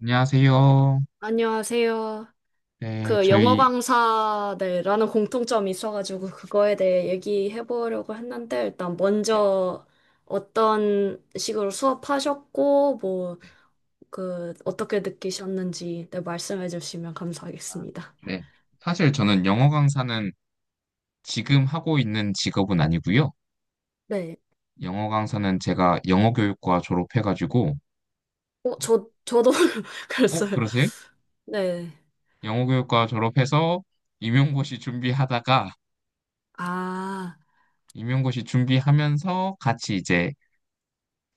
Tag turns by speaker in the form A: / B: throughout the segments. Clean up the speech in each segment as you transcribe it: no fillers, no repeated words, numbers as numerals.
A: 안녕하세요.
B: 안녕하세요.
A: 네, 네,
B: 그 영어
A: 저희,
B: 강사네라는 공통점이 있어가지고 그거에 대해 얘기해 보려고 했는데 일단
A: 네,
B: 먼저 어떤 식으로 수업하셨고 뭐
A: 네.
B: 그 어떻게 느끼셨는지 네, 말씀해 주시면
A: 아,
B: 감사하겠습니다.
A: 네. 사실 저는 영어 강사는 지금 하고 있는 직업은 아니고요.
B: 네.
A: 영어 강사는 제가 영어교육과 졸업해가지고.
B: 어,
A: 어,
B: 저도
A: 어,
B: 그랬어요.
A: 그러세요?
B: 네.
A: 영어교육과 졸업해서 임용고시 준비하다가,
B: 아,
A: 임용고시 준비하면서 같이 이제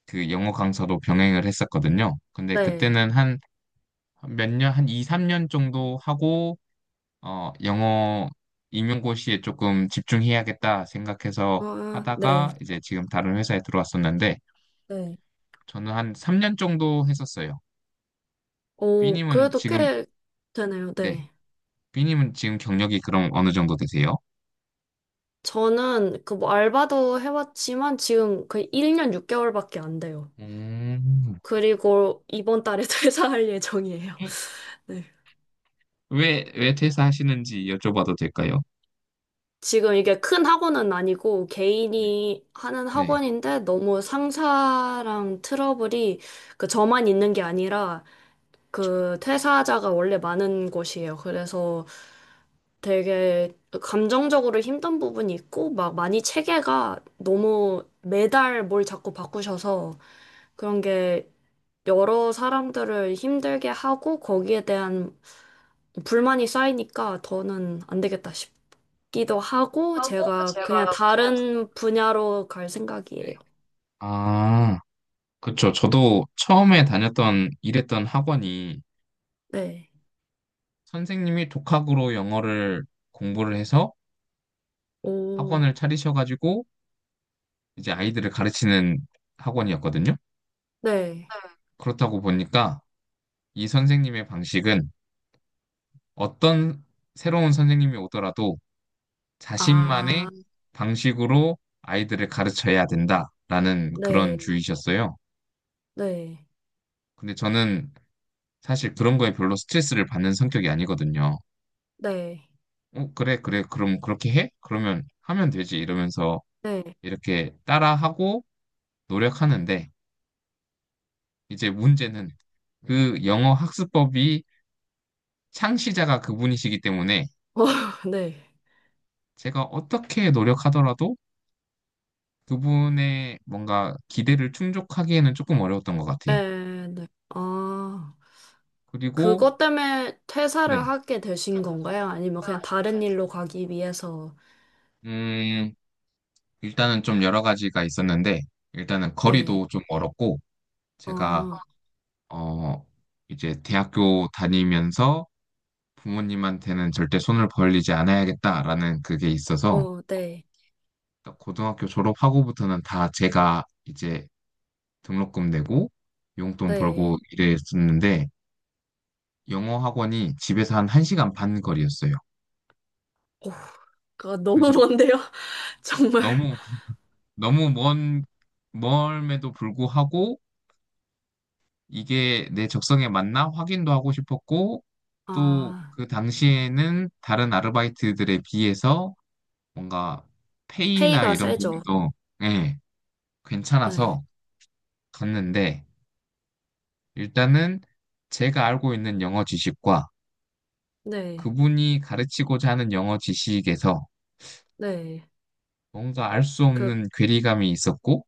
A: 그 영어 강사도 병행을 했었거든요. 근데
B: 네.
A: 그때는 한 몇 년, 한 2, 3년 정도 하고, 영어 임용고시에 조금 집중해야겠다 생각해서
B: 아, 네.
A: 하다가 이제 지금 다른 회사에 들어왔었는데
B: 네.
A: 저는 한 3년 정도 했었어요.
B: 오,
A: B님은
B: 그래도
A: 지금,
B: 꽤 되네요.
A: 네.
B: 네.
A: B님은 지금 경력이 그럼 어느 정도 되세요?
B: 저는 그 뭐 알바도 해봤지만 지금 거의 1년 6개월밖에 안 돼요.
A: 음.
B: 그리고 이번 달에 퇴사할 예정이에요. 네.
A: 왜 퇴사하시는지 여쭤봐도 될까요?
B: 지금 이게 큰 학원은 아니고
A: 네.
B: 개인이 하는
A: 네.
B: 학원인데 너무 상사랑 트러블이 그 저만 있는 게 아니라 그 퇴사자가 원래 많은 곳이에요. 그래서 되게 감정적으로 힘든 부분이 있고 막 많이 체계가 너무 매달 뭘 자꾸 바꾸셔서 그런 게 여러 사람들을 힘들게 하고 거기에 대한 불만이 쌓이니까 더는 안 되겠다 싶기도 하고
A: 하고
B: 제가 그냥
A: 제가 그냥
B: 다른 분야로 갈
A: 네.
B: 생각이에요.
A: 아, 그쵸. 저도 처음에 다녔던, 일했던 학원이
B: 네.
A: 선생님이 독학으로 영어를 공부를 해서
B: 오,
A: 학원을 차리셔가지고 이제 아이들을 가르치는 학원이었거든요.
B: 네.
A: 그렇다고 보니까 이 선생님의 방식은 어떤 새로운 선생님이 오더라도
B: 아,
A: 자신만의 방식으로 아이들을 가르쳐야 된다라는
B: 네,
A: 그런 주의셨어요.
B: 네,
A: 근데 저는 사실 그런 거에 별로 스트레스를 받는 성격이 아니거든요.
B: 네,
A: 그래, 그래, 그럼 그렇게 해? 그러면 하면 되지. 이러면서
B: 네.
A: 이렇게 따라하고 노력하는데 이제 문제는 그 영어 학습법이 창시자가 그분이시기 때문에
B: 어, 네.
A: 제가 어떻게 노력하더라도 그분의 뭔가 기대를 충족하기에는 조금 어려웠던 것 같아요.
B: 네, 네. 아,
A: 그리고,
B: 그것 때문에 퇴사를
A: 네.
B: 하게
A: 게
B: 되신
A: 요
B: 건가요? 아니면 그냥 다른 일로 가기 위해서?
A: 음, 일단은 좀 여러 가지가 있었는데, 일단은
B: 네.
A: 거리도 좀 멀었고, 제가,
B: 어,
A: 어, 어, 이제 대학교 다니면서 부모님한테는 절대 손을 벌리지 않아야겠다라는 그게 있어서,
B: 어, 네,
A: 고등학교 졸업하고부터는 다 제가 이제 등록금 내고 용돈 벌고
B: 네.
A: 이랬었는데 영어 학원이 집에서 한 1시간 반 거리였어요.
B: 그거 너무
A: 그래서
B: 먼데요? 정말.
A: 너무 너무 먼 멀음에도 불구하고 이게 내 적성에 맞나 확인도 하고 싶었고 또
B: 아,
A: 그 당시에는 다른 아르바이트들에 비해서 뭔가 페이나
B: 페이가
A: 이런
B: 세죠.
A: 부분도, 예,
B: 네.
A: 괜찮아서 갔는데 일단은 제가 알고 있는 영어 지식과
B: 네,
A: 그분이 가르치고자 하는 영어 지식에서
B: 네.
A: 뭔가 알 수
B: 그,
A: 없는 괴리감이 있었고,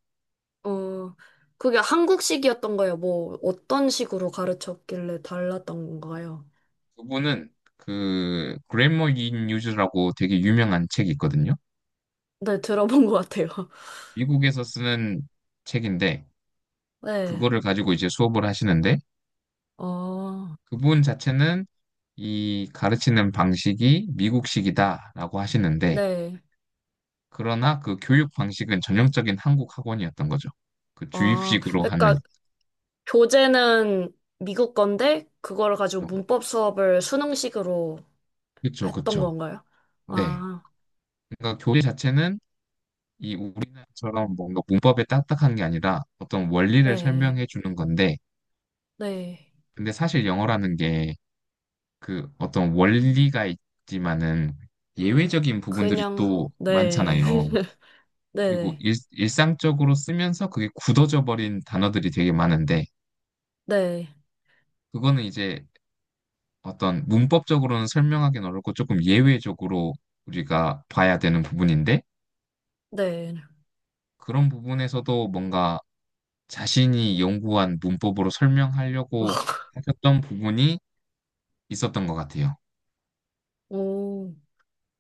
B: 어, 그게 한국식이었던 거예요? 뭐, 어떤 식으로 가르쳤길래 달랐던 건가요?
A: 그분은 그 그래머 인 유즈라고 되게 유명한 책이 있거든요.
B: 네, 들어본 것 같아요.
A: 미국에서 쓰는 책인데,
B: 네,
A: 그거를 가지고 이제 수업을 하시는데,
B: 어,
A: 그분 자체는 이 가르치는 방식이 미국식이다라고 하시는데,
B: 네.
A: 그러나 그 교육 방식은 전형적인 한국 학원이었던 거죠. 그
B: 아,
A: 주입식으로 하는.
B: 그러니까 교재는 미국 건데, 그걸 가지고
A: 좀.
B: 문법 수업을 수능식으로
A: 그쵸,
B: 했던
A: 그쵸.
B: 건가요?
A: 네.
B: 아,
A: 그러니까 교재 자체는 이 우리나라처럼 뭔가 문법에 딱딱한 게 아니라 어떤 원리를
B: 네,
A: 설명해 주는 건데,
B: 네.
A: 근데 사실 영어라는 게 그 어떤 원리가 있지만은 예외적인 부분들이
B: 그냥,
A: 또
B: 네.
A: 많잖아요. 그리고
B: 네네.
A: 일상적으로 쓰면서 그게 굳어져 버린 단어들이 되게 많은데,
B: 네.
A: 그거는 이제 어떤 문법적으로는 설명하기는 어렵고 조금 예외적으로 우리가 봐야 되는 부분인데,
B: 네.
A: 그런 부분에서도 뭔가 자신이 연구한 문법으로 설명하려고 하셨던 부분이 있었던 것 같아요.
B: 오.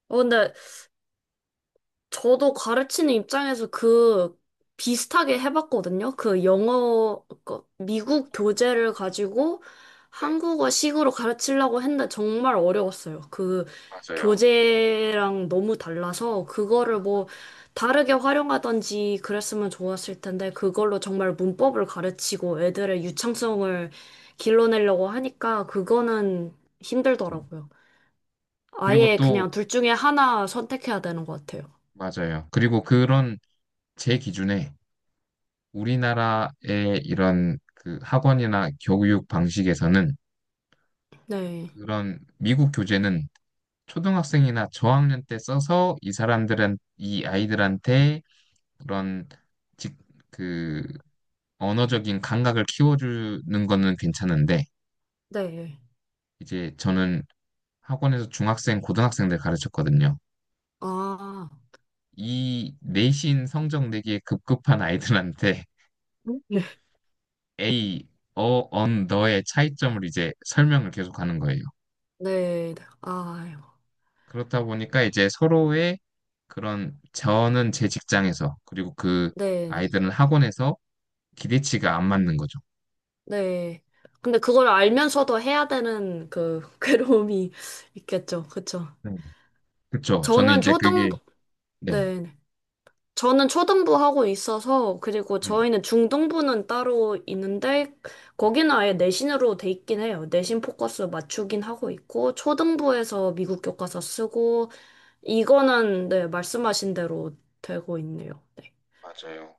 B: 어, 근데 저도 가르치는 입장에서 그 비슷하게 해봤거든요. 그 영어, 그 미국 교재를 가지고
A: 네,
B: 한국어식으로 가르치려고 했는데 정말 어려웠어요. 그
A: 맞아요.
B: 교재랑 너무 달라서 그거를 뭐 다르게 활용하던지 그랬으면 좋았을 텐데 그걸로 정말 문법을 가르치고 애들의 유창성을 길러내려고 하니까 그거는
A: 그렇죠.
B: 힘들더라고요.
A: 그리고
B: 아예
A: 또,
B: 그냥 둘 중에 하나 선택해야 되는 것 같아요.
A: 맞아요. 그리고 그런 제 기준에 우리나라의 이런 그 학원이나 교육 방식에서는
B: 네,
A: 그런 미국 교재는 초등학생이나 저학년 때 써서 이 사람들은 이 아이들한테 그런 직, 그 언어적인 감각을 키워주는 거는 괜찮은데
B: 네.
A: 이제 저는 학원에서 중학생, 고등학생들 가르쳤거든요.
B: 아,
A: 이 내신 성적 내기에 급급한 아이들한테 A, 너의 차이점을 이제 설명을 계속 하는 거예요.
B: 네, 아유, 네, 아유.
A: 그렇다 보니까 이제 서로의 그런 저는 제 직장에서 그리고 그
B: 네.
A: 아이들은 학원에서 기대치가 안 맞는 거죠.
B: 네. 근데 그걸 알면서도 해야 되는 그 괴로움이 있겠죠. 그쵸.
A: 네. 그렇죠. 저는
B: 저는
A: 이제 그게
B: 초등부,
A: 네.
B: 네. 네. 저는 초등부 하고 있어서, 그리고
A: 네.
B: 저희는 중등부는 따로 있는데,
A: 네.
B: 거기는 아예 내신으로 돼 있긴 해요. 내신 포커스 맞추긴 하고 있고, 초등부에서 미국 교과서 쓰고, 이거는 네, 말씀하신 대로 되고 있네요. 네.
A: 맞아요.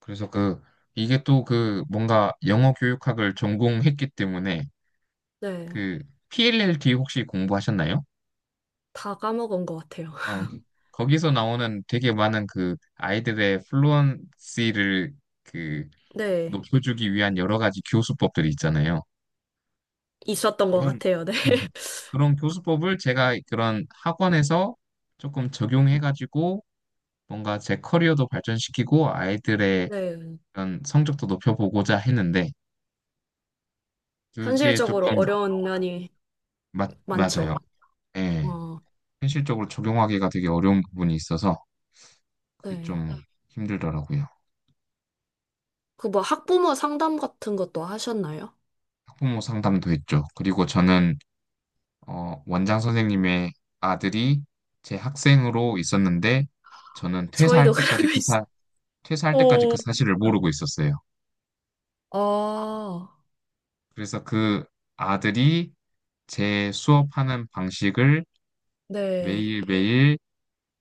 A: 그래서 그 이게 또 그 뭔가 영어 교육학을 전공했기 때문에
B: 네.
A: 그 PLLT 혹시 공부하셨나요?
B: 다 까먹은 것 같아요.
A: 어, 거기서 나오는 되게 많은 그 아이들의 플루언시를 그
B: 네.
A: 높여주기 위한 여러 가지 교수법들이 있잖아요.
B: 있었던 것
A: 그런
B: 같아요. 네.
A: 그런 교수법을 제가 그런 학원에서 조금 적용해가지고 뭔가 제 커리어도 발전시키고 아이들의
B: 네.
A: 그런 성적도 높여보고자 했는데 그게
B: 현실적으로
A: 조금
B: 어려운 면이
A: 맞아요.
B: 많죠.
A: 예.
B: 어,
A: 현실적으로 적용하기가 되게 어려운 부분이 있어서 그게
B: 네.
A: 좀 힘들더라고요.
B: 그 뭐 학부모 상담 같은 것도 하셨나요?
A: 학부모 상담도 했죠. 그리고 저는 원장 선생님의 아들이 제 학생으로 있었는데 저는
B: 저희도
A: 퇴사할 때까지
B: 그러고 있어요.
A: 퇴사할 때까지 그
B: 어.
A: 사실을 모르고 있었어요.
B: 아,
A: 그래서 그 아들이 제 수업하는 방식을
B: 네.
A: 매일매일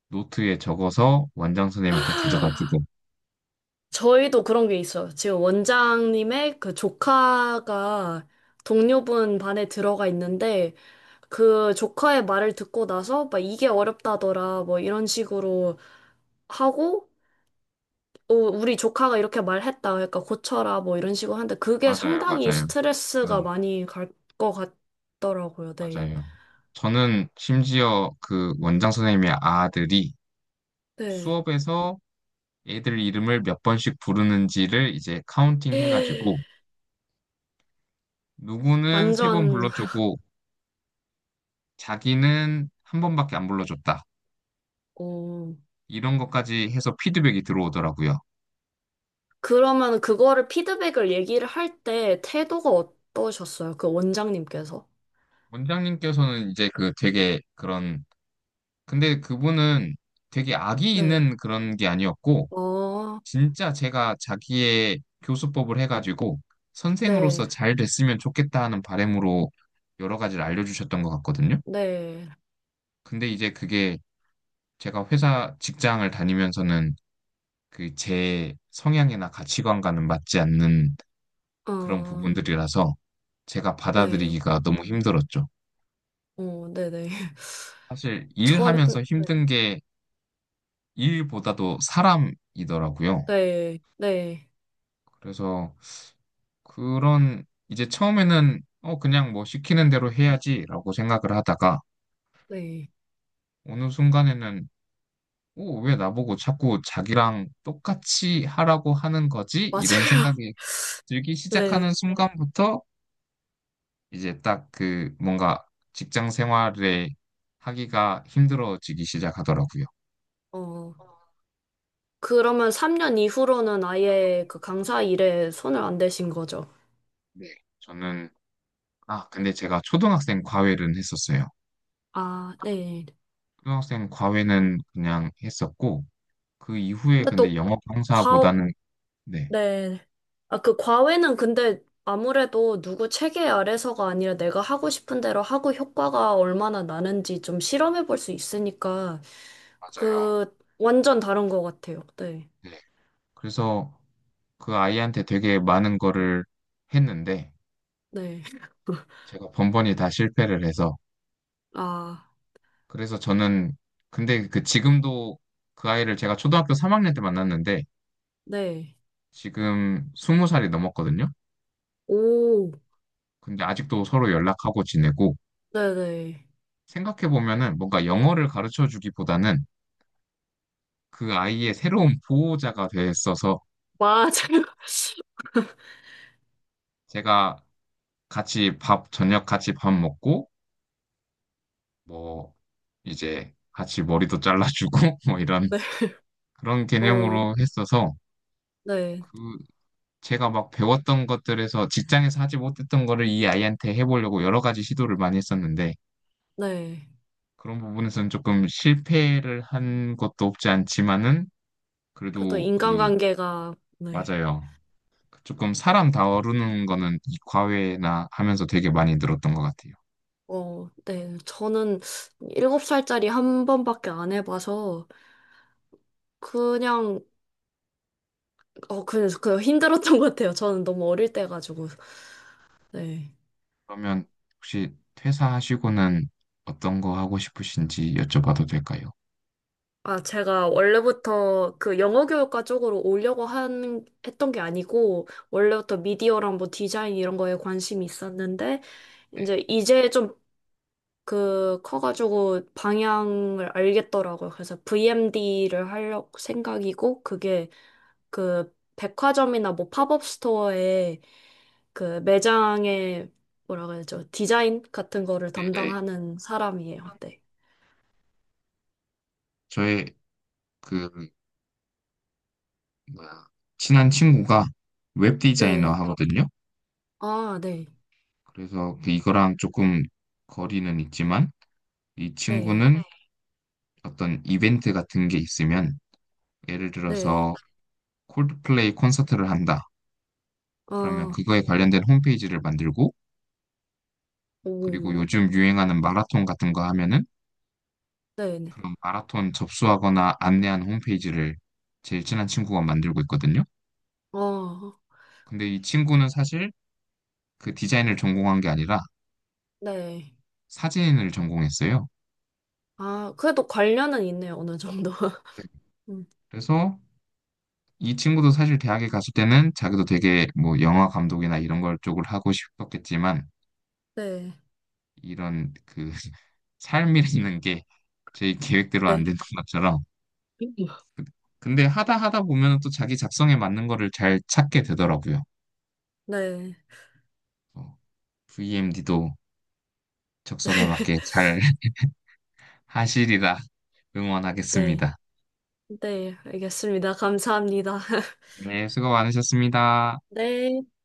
A: 노트에 적어서 원장 선생님한테 가져다 주고.
B: 저희도 그런 게 있어요. 지금 원장님의 그 조카가 동료분 반에 들어가 있는데 그 조카의 말을 듣고 나서 막 이게 어렵다더라 뭐 이런 식으로 하고 어, 우리 조카가 이렇게 말했다 그러니까 고쳐라 뭐 이런 식으로 하는데 그게
A: 맞아요,
B: 상당히
A: 맞아요.
B: 스트레스가
A: 네,
B: 많이 갈 것 같더라고요. 네.
A: 맞아요. 저는 심지어 그 원장 선생님의 아들이
B: 네.
A: 수업에서 애들 이름을 몇 번씩 부르는지를 이제 카운팅 해가지고 누구는 3번
B: 완전
A: 불러주고 자기는 한 번밖에 안 불러줬다.
B: 어.
A: 이런 것까지 해서 피드백이 들어오더라고요.
B: 그러면 그거를 피드백을 얘기를 할 때 태도가 어떠셨어요? 그 원장님께서?
A: 원장님께서는 이제 그 되게 그런, 근데 그분은 되게 악이
B: 네.
A: 있는 그런 게 아니었고
B: 어,
A: 진짜 제가 자기의 교수법을 해가지고
B: 네,
A: 선생으로서 잘 됐으면 좋겠다 하는 바람으로 여러 가지를 알려주셨던 것 같거든요.
B: 네,
A: 근데 이제 그게 제가 회사 직장을 다니면서는 그 제 성향이나 가치관과는 맞지 않는 그런
B: 어,
A: 부분들이라서 제가
B: 네,
A: 받아들이기가 너무 힘들었죠.
B: 어, 네네.
A: 사실
B: 전,
A: 일하면서 힘든 게 일보다도 사람이더라고요.
B: 네, 네,
A: 그래서 그런 이제 처음에는 그냥 뭐 시키는 대로 해야지라고 생각을 하다가
B: 네,
A: 어느 순간에는 어, 왜 나보고 자꾸 자기랑 똑같이 하라고 하는 거지? 이런
B: 맞아요.
A: 생각이 들기
B: 네,
A: 시작하는 순간부터 이제 딱 그 뭔가 직장 생활에 하기가 힘들어지기 시작하더라고요.
B: 어. 그러면 3년 이후로는 아예 그 강사 일에 손을 안 대신 거죠?
A: 네. 저는, 아, 근데 제가 초등학생 과외는 했었어요.
B: 아, 네.
A: 초등학생 과외는 그냥 했었고, 그 이후에
B: 근데
A: 근데
B: 또,
A: 영어
B: 과,
A: 강사보다는, 네,
B: 네. 아, 그 과외는 근데 아무래도 누구 체계 아래서가 아니라 내가 하고 싶은 대로 하고 효과가 얼마나 나는지 좀 실험해 볼 수 있으니까
A: 맞아요.
B: 그, 완전 다른 것 같아요. 네.
A: 네. 그래서 그 아이한테 되게 많은 거를 했는데,
B: 네.
A: 제가 번번이 다 실패를 해서,
B: 아,
A: 그래서 저는, 근데 그 지금도 그 아이를 제가 초등학교 3학년 때 만났는데,
B: 네.
A: 지금 스무 살이 넘었거든요.
B: 오,
A: 근데 아직도 서로 연락하고 지내고
B: 네네.
A: 생각해보면은 뭔가 영어를 가르쳐 주기보다는 그 아이의 새로운 보호자가 됐어서
B: 맞아요.
A: 제가 저녁 같이 밥 먹고 뭐 이제 같이 머리도 잘라주고 뭐 이런
B: 네.
A: 그런
B: 어,
A: 개념으로 했어서
B: 네.
A: 그 제가 막 배웠던 것들에서 직장에서 하지 못했던 거를 이 아이한테 해보려고 여러 가지 시도를 많이 했었는데
B: 네.
A: 그런 부분에서는 조금 실패를 한 것도 없지 않지만은
B: 그래도
A: 그래도 그
B: 인간관계가, 네.
A: 맞아요. 조금 사람 다루는 거는 이 과외나 하면서 되게 많이 늘었던 것 같아요.
B: 어, 네. 저는 일곱 살짜리 한 번밖에 안 해봐서, 그냥, 어, 그냥, 그 힘들었던 것 같아요. 저는 너무 어릴 때 가지고. 네.
A: 그러면 혹시 퇴사하시고는 어떤 거 하고 싶으신지 여쭤봐도 될까요?
B: 아, 제가 원래부터 그 영어 교육과 쪽으로 오려고 한, 했던 게 아니고, 원래부터 미디어랑 뭐 디자인 이런 거에 관심이 있었는데, 이제 좀 그 커가지고 방향을 알겠더라고요. 그래서 VMD를 하려고 생각이고, 그게 그 백화점이나 뭐 팝업 스토어에 그 매장에 뭐라 그러죠? 디자인 같은 거를
A: 네네.
B: 담당하는 사람이에요. 네.
A: 저의 그 뭐야 친한 친구가 웹 디자이너
B: 네.
A: 하거든요.
B: 아, 네.
A: 그래서 그 이거랑 조금 거리는 있지만 이
B: 네.
A: 친구는 어떤 이벤트 같은 게 있으면 예를
B: 네.
A: 들어서 콜드플레이 콘서트를 한다. 그러면
B: 어.
A: 그거에 관련된 홈페이지를 만들고 그리고
B: 오,
A: 요즘 유행하는 마라톤 같은 거 하면은
B: 네네.
A: 그런 마라톤 접수하거나 안내하는 홈페이지를 제일 친한 친구가 만들고 있거든요.
B: 아,
A: 근데 이 친구는 사실 그 디자인을 전공한 게 아니라
B: 네.
A: 사진을 전공했어요.
B: 아, 그래도 관련은 있네요, 어느 정도.
A: 네.
B: 음,
A: 그래서 이 친구도 사실 대학에 갔을 때는 자기도 되게 뭐 영화 감독이나 이런 걸 쪽을 하고 싶었겠지만
B: 네,
A: 이런 그 삶이라는 게 제 계획대로 안
B: 네,
A: 되는 것처럼
B: 네,
A: 근데 하다 하다 보면 또 자기 작성에 맞는 거를 잘 찾게 되더라고요. 어. VMD도
B: 네,
A: 적성에 맞게 잘 하시리라
B: 네,
A: 응원하겠습니다.
B: 네, 알겠습니다. 감사합니다.
A: 네, 수고 많으셨습니다.
B: 네.